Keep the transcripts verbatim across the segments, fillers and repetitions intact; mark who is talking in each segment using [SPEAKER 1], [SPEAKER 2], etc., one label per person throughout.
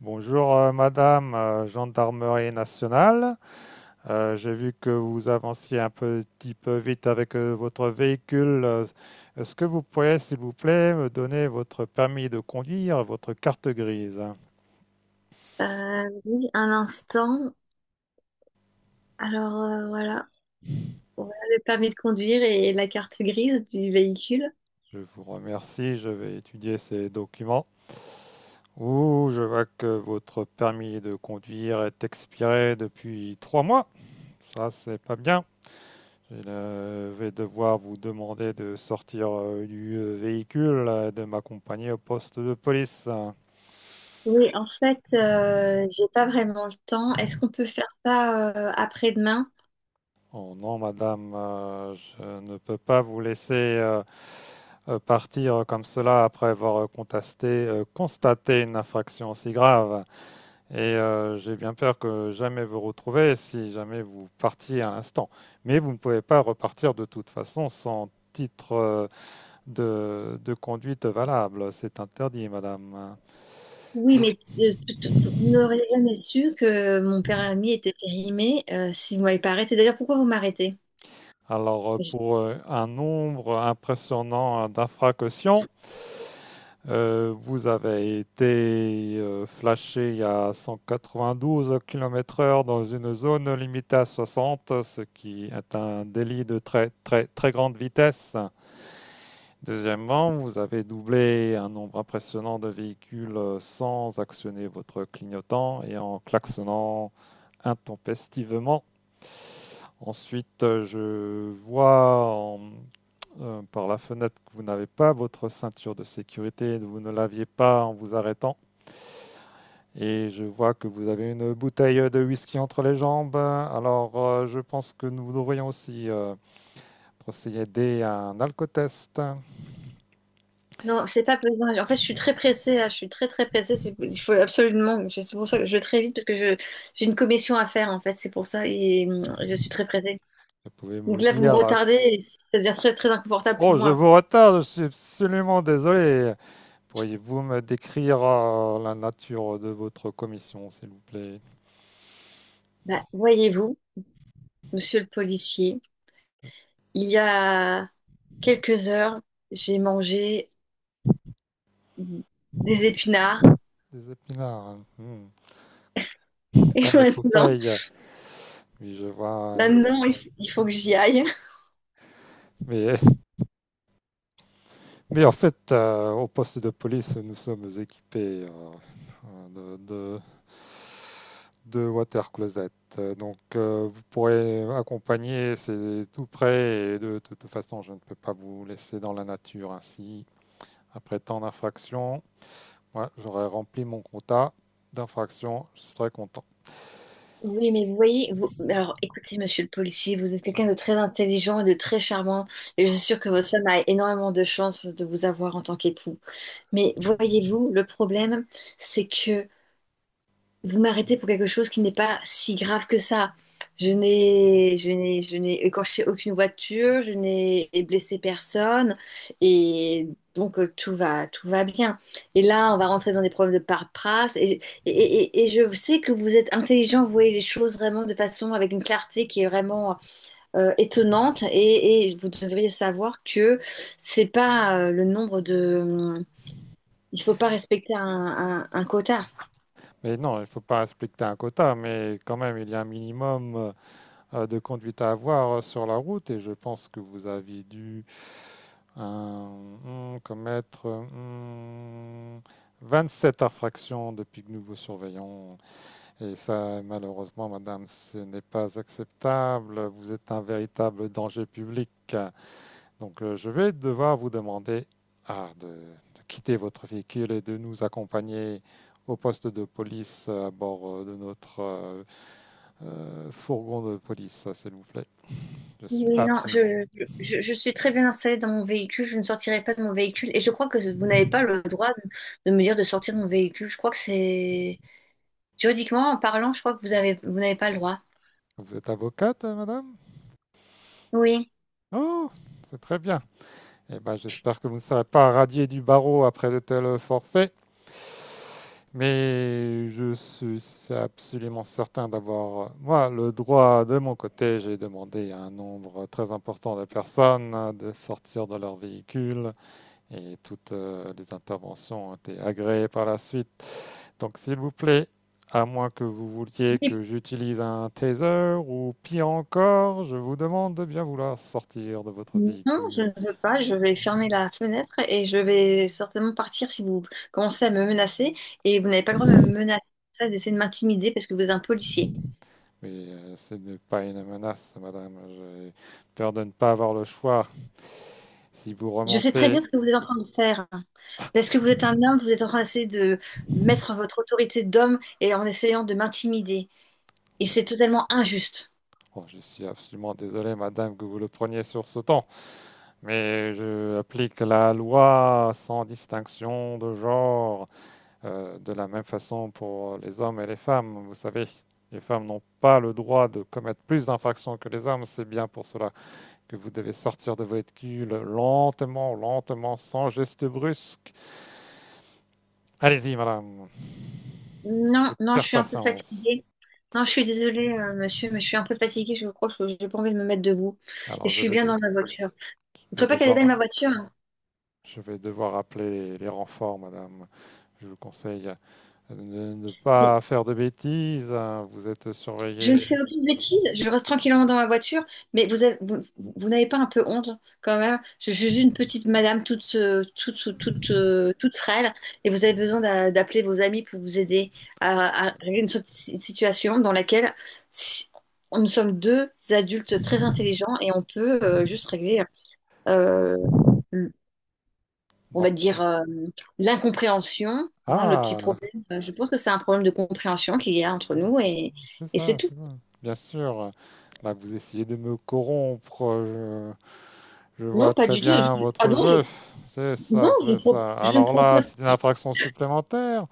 [SPEAKER 1] Bonjour euh, Madame, euh, Gendarmerie nationale. Euh, j'ai vu que vous avanciez un petit peu vite avec euh, votre véhicule. Euh, Est-ce que vous pourriez, s'il vous plaît, me donner votre permis de conduire, votre carte grise?
[SPEAKER 2] Euh, oui, un instant. Alors euh, voilà, voilà le permis de conduire et la carte grise du véhicule.
[SPEAKER 1] Je vous remercie, je vais étudier ces documents. Ouh, je vois que votre permis de conduire est expiré depuis trois mois. Ça, c'est pas bien. Je ne vais devoir vous demander de sortir euh, du euh, véhicule, euh, de m'accompagner au poste de police.
[SPEAKER 2] Oui, en fait, euh, j'ai pas vraiment le temps. Est-ce qu'on peut faire ça euh, après-demain?
[SPEAKER 1] Oh non, madame, euh, je ne peux pas vous laisser euh, euh, partir comme cela après avoir contesté, euh, constaté une infraction aussi grave. Et euh, j'ai bien peur que jamais vous retrouviez si jamais vous partiez à l'instant. Mais vous ne pouvez pas repartir de toute façon sans titre euh, de, de conduite valable. C'est interdit, madame.
[SPEAKER 2] Oui,
[SPEAKER 1] Donc
[SPEAKER 2] mais euh, tout- tout- vous n'auriez jamais su que mon permis était périmé euh, si vous m'avez pas arrêté. D'ailleurs, pourquoi vous m'arrêtez?
[SPEAKER 1] Alors, euh,
[SPEAKER 2] Je-
[SPEAKER 1] pour euh, un nombre impressionnant d'infractions, euh, vous avez été euh, flashé à cent quatre-vingt-douze kilomètres heure dans une zone limitée à soixante, ce qui est un délit de très très très grande vitesse. Deuxièmement, vous avez doublé un nombre impressionnant de véhicules euh, sans actionner votre clignotant et en klaxonnant intempestivement. Ensuite, euh, je vois en euh, par la fenêtre que vous n'avez pas votre ceinture de sécurité, vous ne l'aviez pas en vous arrêtant. Et je vois que vous avez une bouteille de whisky entre les jambes. Alors, euh, je pense que nous devrions aussi euh, procéder à un alcotest. Vous
[SPEAKER 2] Non, c'est pas besoin. En fait, je suis très pressée là. Je suis très très pressée. C'est- Il faut absolument. C'est pour ça que je vais très vite parce que je j'ai une commission à faire en fait. C'est pour ça et hum, je suis très pressée.
[SPEAKER 1] pouvez
[SPEAKER 2] Donc
[SPEAKER 1] me
[SPEAKER 2] là, vous me
[SPEAKER 1] dire...
[SPEAKER 2] retardez, et ça devient très, très inconfortable pour
[SPEAKER 1] Oh, je
[SPEAKER 2] moi.
[SPEAKER 1] vous retarde, je suis absolument désolé. Pourriez-vous me décrire euh, la nature de votre commission, s'il vous plaît?
[SPEAKER 2] Bah, voyez-vous, monsieur le policier, il y a quelques heures, j'ai mangé des épinards
[SPEAKER 1] Des épinards, hmm.
[SPEAKER 2] et
[SPEAKER 1] Comme
[SPEAKER 2] maintenant,
[SPEAKER 1] Popeye. Oui, je vois. Et-
[SPEAKER 2] maintenant, il f- il faut que j'y aille.
[SPEAKER 1] Mais Mais en fait, euh, au poste de police, nous sommes équipés euh, de, de, de water closet. Euh, Donc, euh, vous pourrez accompagner, c'est tout près. Et de toute façon, je ne peux pas vous laisser dans la nature ainsi. Après tant d'infractions, ouais, j'aurais rempli mon quota d'infractions, je serais content.
[SPEAKER 2] Oui, mais vous voyez, vous alors écoutez, monsieur le policier, vous êtes quelqu'un de très intelligent et de très charmant, et je suis sûre que votre femme a énormément de chance de vous avoir en tant qu'époux. Mais voyez-vous, le problème, c'est que vous m'arrêtez pour quelque chose qui n'est pas si grave que ça. Je n'ai, je n'ai, je n'ai écorché aucune voiture, je n'ai blessé personne, et donc euh, tout va, tout va bien. Et là, on va rentrer dans des problèmes de paperasse, et, et, et- et je sais que vous êtes intelligent, vous voyez les choses vraiment de façon avec une clarté qui est vraiment euh, étonnante, et, et vous devriez savoir que c'est pas euh, le nombre de, il faut pas respecter un, un un quota.
[SPEAKER 1] Mais non, il ne faut pas respecter un quota, mais quand même, il y a un minimum euh, euh, de conduite à avoir euh, sur la route et je pense que vous avez dû euh, hmm, commettre hmm, vingt-sept infractions depuis que nous vous surveillons. Et ça, malheureusement, madame, ce n'est pas acceptable. Vous êtes un véritable danger public. Donc, euh, je vais devoir vous demander ah, de, de quitter votre véhicule et de nous accompagner au poste de police à bord euh, de notre euh, euh, fourgon de police, s'il vous plaît. Je suis
[SPEAKER 2] Oui, non,
[SPEAKER 1] absolument.
[SPEAKER 2] je, je, je suis très bien installée dans mon véhicule, je ne sortirai pas de mon véhicule et je crois que vous n'avez pas le droit de, de me dire de sortir de mon véhicule. Je crois que c'est juridiquement, en parlant, je crois que vous avez, vous n'avez pas le droit.
[SPEAKER 1] Vous êtes avocate, euh, madame?
[SPEAKER 2] Oui.
[SPEAKER 1] Oh, c'est très bien. Eh ben, j'espère que vous ne serez pas radié du barreau après de tels forfaits. Mais je suis absolument certain d'avoir, moi, le droit de mon côté. J'ai demandé à un nombre très important de personnes de sortir de leur véhicule et toutes euh, les interventions ont été agréées par la suite. Donc, s'il vous plaît, à moins que vous vouliez
[SPEAKER 2] Oui.
[SPEAKER 1] que j'utilise un taser ou pire encore, je vous demande de bien vouloir sortir de votre
[SPEAKER 2] Non, je
[SPEAKER 1] véhicule.
[SPEAKER 2] ne veux pas, je vais fermer la fenêtre et je vais certainement partir si vous commencez à me menacer et vous n'avez pas le droit de me menacer, ça, d'essayer de m'intimider parce que vous êtes un policier.
[SPEAKER 1] Oui, euh, ce n'est pas une menace, madame. J'ai peur de ne pas avoir le choix. Si vous
[SPEAKER 2] Je sais très
[SPEAKER 1] remontez...
[SPEAKER 2] bien ce que vous êtes en train de faire. Parce que vous êtes un homme, vous êtes en train d'essayer de mettre votre autorité d'homme et en essayant de m'intimider. Et c'est
[SPEAKER 1] Mais-
[SPEAKER 2] totalement injuste.
[SPEAKER 1] oh, je suis absolument désolé, madame, que vous le preniez sur ce temps. Mais je applique la loi sans distinction de genre, euh, de la même façon pour les hommes et les femmes, vous savez. Les femmes n'ont pas le droit de commettre plus d'infractions que les hommes. C'est bien pour cela que vous devez sortir de votre cul lentement, lentement, sans geste brusque. Allez-y, madame. Je
[SPEAKER 2] Non, non, je
[SPEAKER 1] perds
[SPEAKER 2] suis un peu
[SPEAKER 1] patience.
[SPEAKER 2] fatiguée. Non, je suis désolée, euh, monsieur, mais je suis un peu fatiguée. Je crois que je n'ai pas envie de me mettre debout. Et
[SPEAKER 1] Alors,
[SPEAKER 2] je
[SPEAKER 1] je
[SPEAKER 2] suis
[SPEAKER 1] vais,
[SPEAKER 2] bien
[SPEAKER 1] de-
[SPEAKER 2] dans ma voiture. Vous ne
[SPEAKER 1] je vais
[SPEAKER 2] trouvez pas qu'elle est belle,
[SPEAKER 1] devoir,
[SPEAKER 2] ma voiture, hein?
[SPEAKER 1] je vais devoir appeler les renforts, madame. Je vous conseille de ne pas faire de bêtises, hein. Vous êtes
[SPEAKER 2] Je ne
[SPEAKER 1] surveillée.
[SPEAKER 2] fais aucune bêtise, je reste tranquillement dans ma voiture, mais vous avez- vous, vous n'avez pas un peu honte quand même? Je suis juste une petite madame toute, euh, toute, toute, toute, euh, toute frêle et vous avez besoin d'a- d'appeler vos amis pour vous aider à, à régler une sorte de si- situation dans laquelle si- nous sommes deux adultes très intelligents et on peut euh, juste régler, euh, le- on
[SPEAKER 1] Non.
[SPEAKER 2] va dire,
[SPEAKER 1] Voilà.
[SPEAKER 2] euh, l'incompréhension, hein, le petit
[SPEAKER 1] Ah,
[SPEAKER 2] problème. Euh, Je pense que c'est un problème de compréhension qu'il y a entre
[SPEAKER 1] oui,
[SPEAKER 2] nous et
[SPEAKER 1] c'est
[SPEAKER 2] et c'est
[SPEAKER 1] ça,
[SPEAKER 2] tout.
[SPEAKER 1] c'est ça. Bien sûr. Là, vous essayez de me corrompre. Je, je
[SPEAKER 2] Non,
[SPEAKER 1] vois
[SPEAKER 2] pas
[SPEAKER 1] très
[SPEAKER 2] du tout.
[SPEAKER 1] bien
[SPEAKER 2] Je- Ah
[SPEAKER 1] votre
[SPEAKER 2] non, je,
[SPEAKER 1] jeu. C'est
[SPEAKER 2] non,
[SPEAKER 1] ça,
[SPEAKER 2] je
[SPEAKER 1] c'est
[SPEAKER 2] ne pro-
[SPEAKER 1] ça.
[SPEAKER 2] je ne
[SPEAKER 1] Alors là,
[SPEAKER 2] propose
[SPEAKER 1] c'est une infraction supplémentaire.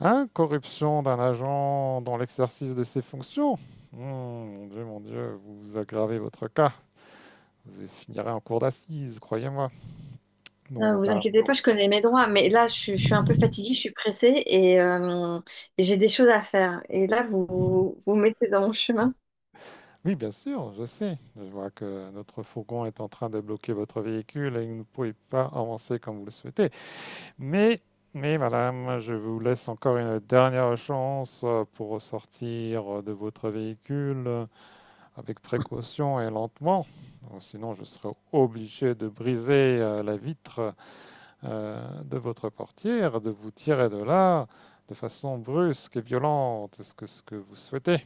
[SPEAKER 1] Hein, corruption d'un agent dans l'exercice de ses fonctions. Hmm, mon Dieu, mon Dieu, vous vous aggravez votre cas. Vous y finirez en cour d'assises, croyez-moi. Non,
[SPEAKER 2] pas. Vous
[SPEAKER 1] madame.
[SPEAKER 2] inquiétez pas, je connais mes droits, mais là, je, suis je suis un peu fatiguée, je suis pressée et, euh, et j'ai des choses à faire. Et là, vous vous vous mettez dans mon chemin.
[SPEAKER 1] Oui, bien sûr, je sais. Je vois que notre fourgon est en train de bloquer votre véhicule et que vous ne pouvez pas avancer comme vous le souhaitez. Mais, mais, madame, je vous laisse encore une dernière chance euh, pour sortir de votre véhicule, avec précaution et lentement, sinon je serais obligé de briser euh, la vitre euh, de votre portière, de vous tirer de là de façon brusque et violente. Est-ce que ce que vous souhaitez?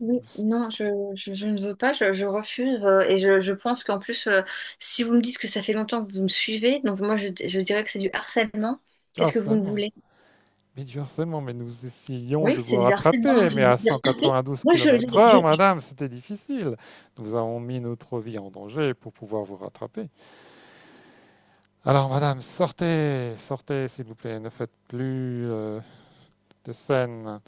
[SPEAKER 2] Oui,
[SPEAKER 1] Du
[SPEAKER 2] non, je, je, je ne veux pas, je, je refuse. euh, et je, je pense qu'en plus, euh, si vous me dites que ça fait longtemps que vous me suivez, donc moi, je, je dirais que c'est du harcèlement. Qu'est-ce que vous me
[SPEAKER 1] harcèlement.
[SPEAKER 2] voulez?
[SPEAKER 1] Mais du harcèlement, mais nous essayions de
[SPEAKER 2] Oui,
[SPEAKER 1] vous
[SPEAKER 2] c'est du harcèlement. Moi,
[SPEAKER 1] rattraper,
[SPEAKER 2] je
[SPEAKER 1] mais
[SPEAKER 2] ne
[SPEAKER 1] à
[SPEAKER 2] vous ai rien fait.
[SPEAKER 1] 192
[SPEAKER 2] Moi, je, je-
[SPEAKER 1] km/h,
[SPEAKER 2] je- je-
[SPEAKER 1] madame, c'était difficile. Nous avons mis notre vie en danger pour pouvoir vous rattraper. Alors, madame, sortez, sortez, s'il vous plaît, ne faites plus euh, de scène.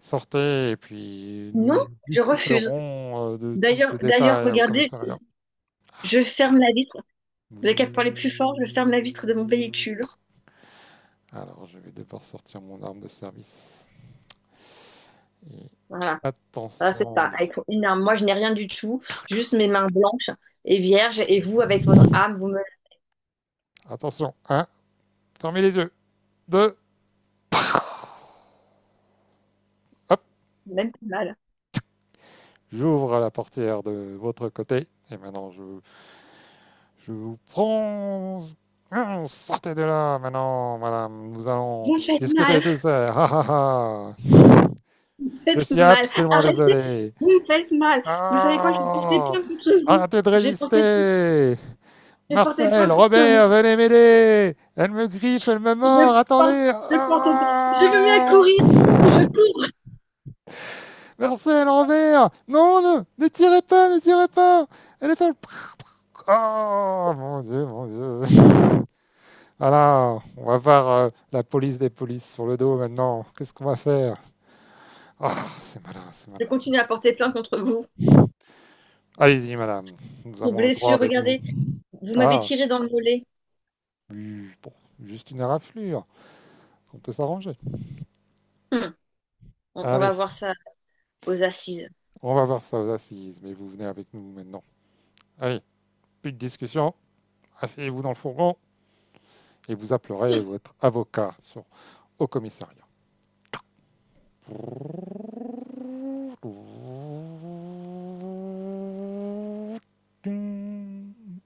[SPEAKER 1] Sortez et puis nous
[SPEAKER 2] non, je refuse.
[SPEAKER 1] discuterons euh, de tous
[SPEAKER 2] D'ailleurs,
[SPEAKER 1] ces
[SPEAKER 2] d'ailleurs,
[SPEAKER 1] détails au
[SPEAKER 2] regardez,
[SPEAKER 1] commissariat.
[SPEAKER 2] je ferme la vitre. Dès qu'elle parlait plus fort, je ferme la vitre de mon véhicule.
[SPEAKER 1] Alors, je vais devoir sortir mon arme de service. Et
[SPEAKER 2] Voilà, voilà, c'est ça.
[SPEAKER 1] attention,
[SPEAKER 2] Avec une arme. Moi, je n'ai rien du tout, juste mes mains blanches et vierges. Et vous, avec votre arme, vous me
[SPEAKER 1] attention. Un, fermez les yeux. Deux, hop,
[SPEAKER 2] même faites mal.
[SPEAKER 1] j'ouvre la portière de votre côté. Et maintenant, je, je vous prends. Hum, Sortez de là maintenant, madame. Nous allons
[SPEAKER 2] Vous me faites
[SPEAKER 1] discuter
[SPEAKER 2] mal,
[SPEAKER 1] de tout ça. Ah, ah, ah.
[SPEAKER 2] vous me
[SPEAKER 1] Je
[SPEAKER 2] faites
[SPEAKER 1] suis
[SPEAKER 2] mal.
[SPEAKER 1] absolument
[SPEAKER 2] Arrêtez,
[SPEAKER 1] désolé.
[SPEAKER 2] vous me faites mal. Vous savez quoi? Je vais porter
[SPEAKER 1] Non.
[SPEAKER 2] plainte contre vous.
[SPEAKER 1] Arrêtez de
[SPEAKER 2] Je vais porter,
[SPEAKER 1] résister.
[SPEAKER 2] je vais porter
[SPEAKER 1] Marcel,
[SPEAKER 2] plainte contre vous.
[SPEAKER 1] Robert, venez m'aider. Elle me griffe, elle me
[SPEAKER 2] Je
[SPEAKER 1] mord,
[SPEAKER 2] porte,
[SPEAKER 1] attendez.
[SPEAKER 2] je porte, je me mets à
[SPEAKER 1] Ah,
[SPEAKER 2] courir. Je, cou-
[SPEAKER 1] Marcel, Robert. Non, ne, ne tirez pas, ne tirez pas. Elle est folle. Oh mon dieu, mon dieu. Voilà, on va voir euh, la police des polices sur le dos maintenant. Qu'est-ce qu'on va faire? Ah, c'est malin, c'est
[SPEAKER 2] je
[SPEAKER 1] malin.
[SPEAKER 2] continue à porter plainte contre vous
[SPEAKER 1] Allez-y, madame, nous
[SPEAKER 2] pour
[SPEAKER 1] avons le droit
[SPEAKER 2] blessure.
[SPEAKER 1] avec nous.
[SPEAKER 2] Regardez, vous m'avez
[SPEAKER 1] Ah,
[SPEAKER 2] tiré dans le mollet.
[SPEAKER 1] oui, bon, juste une raflure, on peut s'arranger.
[SPEAKER 2] Hmm. On, on va
[SPEAKER 1] Allez,
[SPEAKER 2] voir ça aux assises.
[SPEAKER 1] on va voir ça aux assises, mais vous venez avec nous maintenant. Allez, plus de discussion, asseyez-vous dans le fourgon et vous appellerez votre avocat sur- au commissariat. Ding.